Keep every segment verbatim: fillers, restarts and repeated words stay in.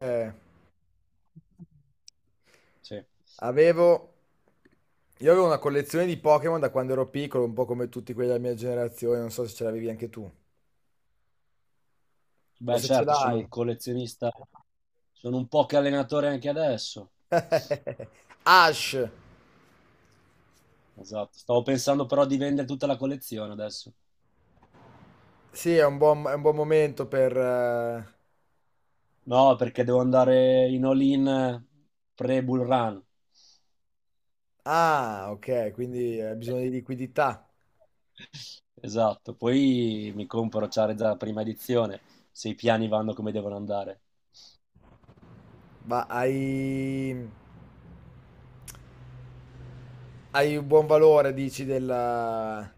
Eh, Sì. avevo... Io avevo una collezione di Pokémon da quando ero piccolo, un po' come tutti quelli della mia generazione, non so se ce l'avevi anche tu, o Beh, se ce certo, sono l'hai. un collezionista, sono un poche allenatore anche adesso. Ash, Esatto. Stavo pensando però di vendere tutta la collezione adesso. sì, è un buon, è un buon momento per... eh, No, perché devo andare in all-in pre-Bull Run. Ah, ok, quindi hai bisogno di liquidità, Esatto. Poi mi compro Charizard prima edizione, se i piani vanno come devono andare. ma hai... hai un buon valore, dici, della.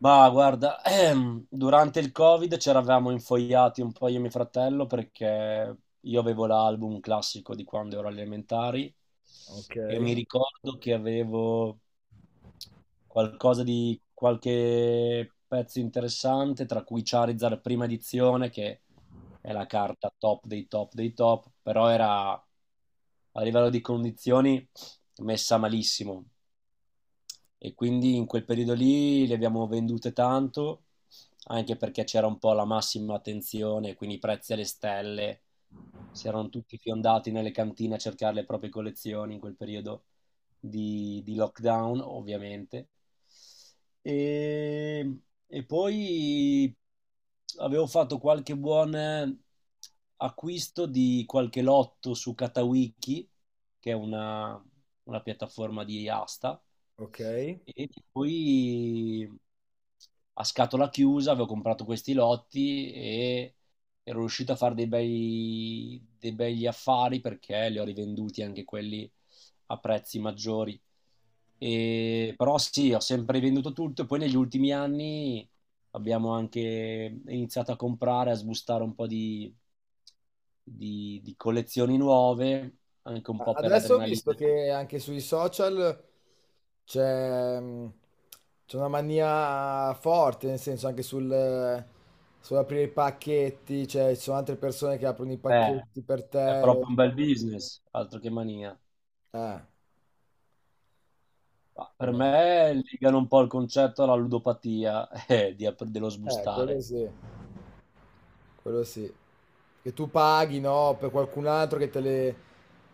Ma guarda, ehm, durante il Covid ci eravamo infoiati un po' io e mio fratello perché io avevo l'album classico di quando ero alle elementari Ok, e mi ricordo che avevo qualcosa di qualche pezzo interessante, tra cui Charizard prima edizione, che è la carta top dei top dei top, però era a livello di condizioni messa malissimo. E quindi in quel periodo lì le abbiamo vendute tanto, anche perché c'era un po' la massima attenzione, quindi i prezzi alle stelle, si erano tutti fiondati nelle cantine a cercare le proprie collezioni in quel periodo di, di lockdown, ovviamente. E, e poi avevo fatto qualche buon acquisto di qualche lotto su Katawiki che è una, una piattaforma di asta, ok. e poi a scatola chiusa avevo comprato questi lotti e ero riuscito a fare dei bei, dei begli affari perché li ho rivenduti anche quelli a prezzi maggiori. E- però sì, ho sempre venduto tutto e poi negli ultimi anni abbiamo anche iniziato a comprare, a sbustare un po' di, di- di collezioni nuove anche un po' per Adesso ho visto l'adrenalina. che anche sui social c'è mh, c'è una mania forte, nel senso anche sul, eh, sull'aprire i pacchetti, cioè ci sono altre persone che aprono i Eh, pacchetti per è te. proprio un bel business, altro che mania. Eh, Ma per eh, me legano un po' il concetto alla ludopatia eh, di- dello eh, quello sbustare. sì. Quello sì. Che tu paghi, no, per qualcun altro che te le,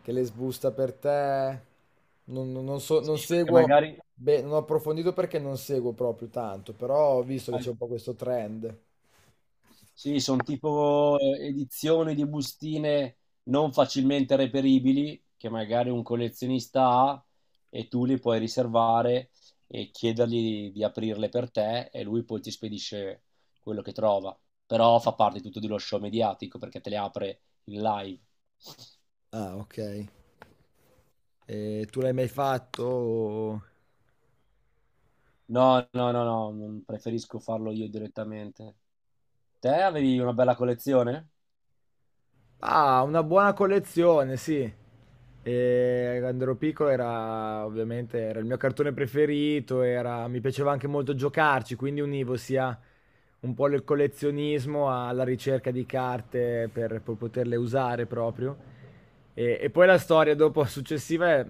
che le sbusta per te. Non, non- non so, Sì, non perché seguo, magari. beh, non ho approfondito perché non seguo proprio tanto, però ho visto che c'è un po' questo trend. Sì, sono tipo eh, edizioni di bustine non facilmente reperibili, che magari un collezionista ha e tu li puoi riservare e chiedergli di aprirle per te e lui poi ti spedisce quello che trova. Però fa parte tutto dello show mediatico perché te le apre in live. Ah, ok. E tu l'hai mai fatto? o- No, no, no, no, non preferisco farlo io direttamente. Te avevi una bella collezione? Ah, una buona collezione, sì. E quando ero piccolo era ovviamente era il mio cartone preferito, era- mi piaceva anche molto giocarci, quindi univo sia un po' il collezionismo alla ricerca di carte per, per poterle usare proprio. E, e poi la storia dopo successiva è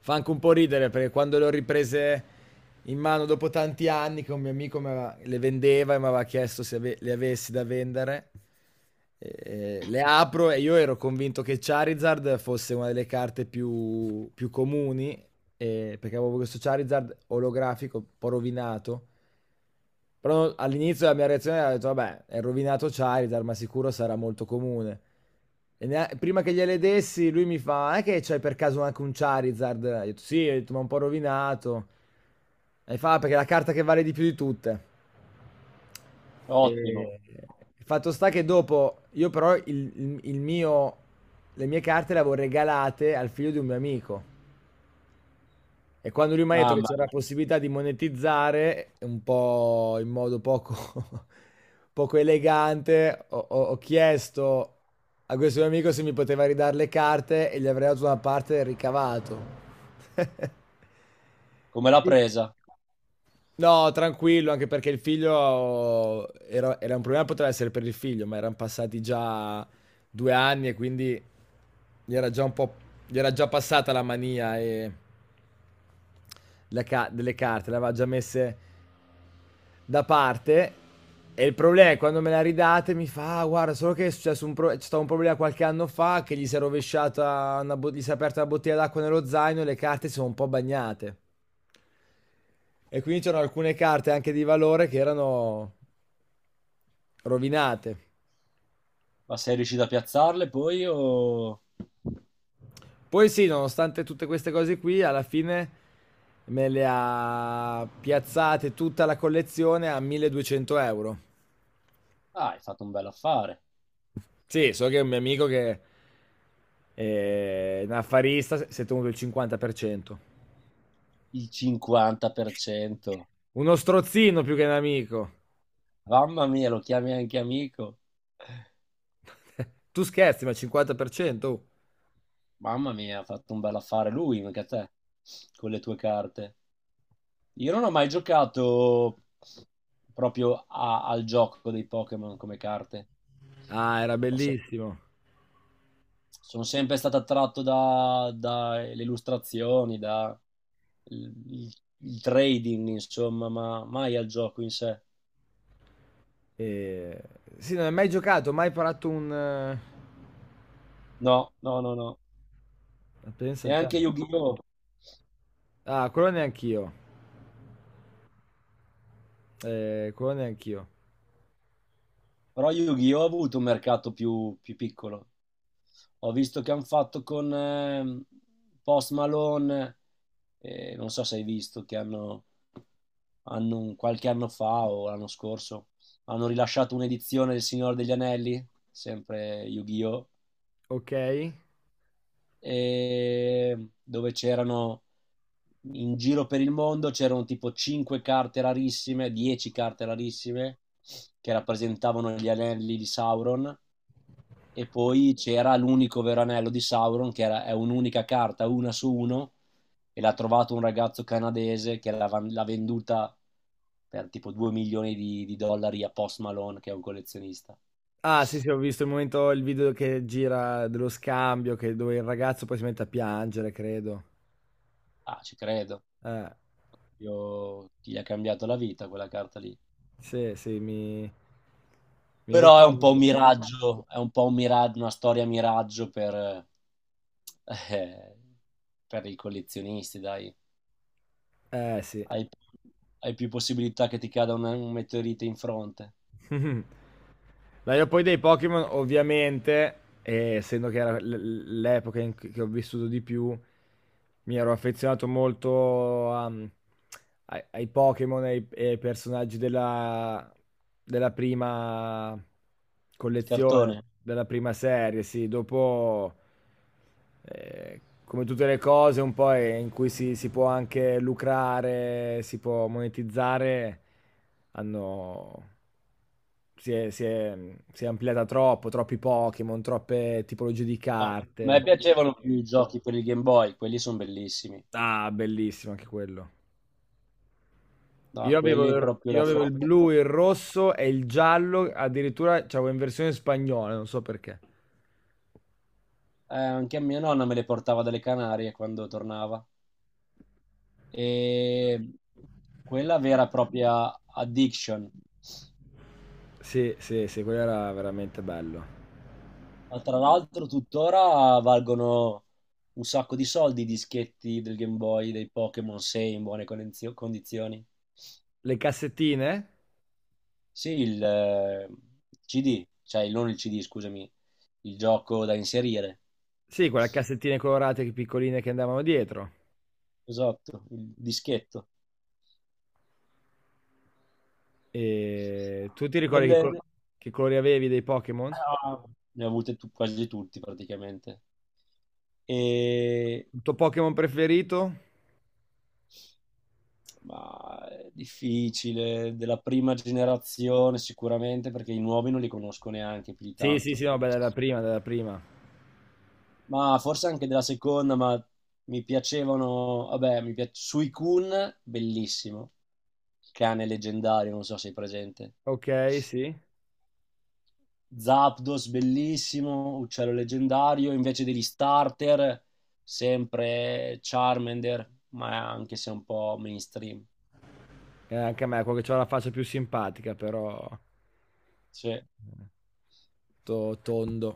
fa anche un po' ridere perché quando le ho riprese in mano dopo tanti anni che un mio amico mi aveva- le vendeva e mi aveva chiesto se ave- le avessi da vendere, eh, le apro e io ero convinto che Charizard fosse una delle carte più, più comuni, eh, perché avevo questo Charizard olografico un po' rovinato, però all'inizio la mia reazione era, ho detto, vabbè, è rovinato Charizard, ma sicuro sarà molto comune. E nea- prima che gliele dessi, lui mi fa, è che c'hai per caso anche un Charizard? Io ho detto, sì, ho detto, ma un po' rovinato. E fa, "Ah, perché è la carta che vale di più di tutte." Ottimo. E il fatto sta che dopo, io però il, il- il mio, le mie carte le avevo regalate al figlio di un mio amico. E quando lui mi ha detto che Mamma c'era la mia, possibilità di monetizzare, un po' in modo poco, poco elegante, ho, ho- ho chiesto a questo mio amico se mi poteva ridare le carte e gli avrei dato una parte del ricavato. come l'ha Quindi- presa? No, tranquillo, anche perché il figlio era, era un problema, poteva essere per il figlio, ma erano passati già due anni e quindi gli era già un po', gli era già passata la mania e la ca- delle carte, le aveva già messe da parte. E il problema è quando me la ridate mi fa, "Ah, guarda, solo che è successo un, pro- c'è stato un problema qualche anno fa che gli si è rovesciata, una bo- gli si è aperta una bottiglia d'acqua nello zaino e le carte si sono un po' bagnate. E quindi c'erano alcune carte anche di valore che erano rovinate." Ma sei riuscito a piazzarle poi o. Poi sì, nonostante tutte queste cose qui, alla fine me le ha piazzate tutta la collezione a milleduecento euro. Ah, hai fatto un bel affare. Sì, so che un mio amico che è un affarista si è tenuto il cinquanta per cento. Il cinquanta per cento. Uno strozzino più che un amico. Mamma mia, lo chiami anche amico. Tu scherzi, ma il cinquanta per cento? Oh. Mamma mia, ha fatto un bel affare lui, mica te, con le tue carte. Io non ho mai giocato proprio a- al gioco dei Pokémon come carte. Ah, era Ho se- bellissimo. Sono sempre stato attratto da- dalle illustrazioni, da il, il- il trading, insomma, ma mai al gioco in sé. E... Sì, non hai mai giocato, mai parato un... eh, No, no, no, no. Pensa E a te. anche Yu-Gi-Oh! Ah, quello neanch'io. Eh, quello neanch'io. Però Yu-Gi-Oh! Ha avuto un mercato più, più piccolo. Ho visto che hanno fatto con ehm, Post Malone, eh, non so se hai visto, che hanno, hanno un- qualche anno fa o l'anno scorso, hanno rilasciato un'edizione del Signore degli Anelli, sempre Yu-Gi-Oh! Ok. E dove c'erano in giro per il mondo c'erano tipo cinque carte rarissime, dieci carte rarissime che rappresentavano gli anelli di Sauron e poi c'era l'unico vero anello di Sauron che era, è un'unica carta, una su uno e l'ha trovato un ragazzo canadese che l'ha, l'ha venduta per tipo due milioni di, di dollari a Post Malone che è un collezionista. Ah, sì, sì, ho visto il momento, il video che gira dello scambio, che dove il ragazzo poi si mette a piangere, credo. Ah, ci credo. Eh. Io, gli ha cambiato la vita quella carta lì. Sì, sì, mi, mi Però è un po' un ricordo. miraggio, è un po' un mira- una storia miraggio per, eh, per i collezionisti, dai. Eh sì. Hai, hai più possibilità che ti cada un, un meteorite in fronte. Dai, poi dei Pokémon, ovviamente, eh, essendo che era l- l'epoca in cui che ho vissuto di più, mi ero affezionato molto a- mm, ai, ai Pokémon e ai, e ai personaggi della, della prima collezione, Cartone. della prima serie, sì. Dopo, eh, come tutte le cose, un po' è- in cui si, si può anche lucrare, si può monetizzare, hanno si è, si è- si è ampliata troppo, troppi Pokémon, troppe tipologie di No. A me carte. piacevano più i giochi per il Game Boy, quelli sono bellissimi. Ah, bellissimo anche quello. No, Io avevo quelli il, proprio io la avevo il forza. blu, il rosso e il giallo, addirittura c'avevo in versione spagnola, non so perché. Eh, anche a mia nonna me le portava dalle Canarie quando tornava. E quella vera e propria addiction. Sì, sì, sì, quello era veramente bello. Ma tra l'altro tuttora valgono un sacco di soldi i dischetti del Game Boy, dei Pokémon sei in buone conenzio- condizioni. Le cassettine? Sì, il eh, C D, cioè non il C D, scusami, il gioco da inserire. Sì, quelle cassettine colorate che- piccoline che andavano dietro. Esatto, il dischetto. E tu ti ricordi che, Nelle- col- ne che colori avevi dei Pokémon? ah, ne ho avute tu- quasi tutti praticamente. E Il tuo Pokémon preferito? Ma è difficile, della prima generazione sicuramente, perché i nuovi non li conosco neanche più di Sì, sì, tanto. sì, no, beh, della prima, della prima. Ma forse anche della seconda, ma mi piacevano, vabbè, mi piace Suicune, bellissimo, cane leggendario, non so se è presente. Ok, sì. Zapdos, bellissimo, uccello leggendario, invece degli starter, sempre Charmander, ma anche se un po' mainstream. Eh, anche a me, quello che ha la faccia più simpatica, però Sì. eh, to- tondo.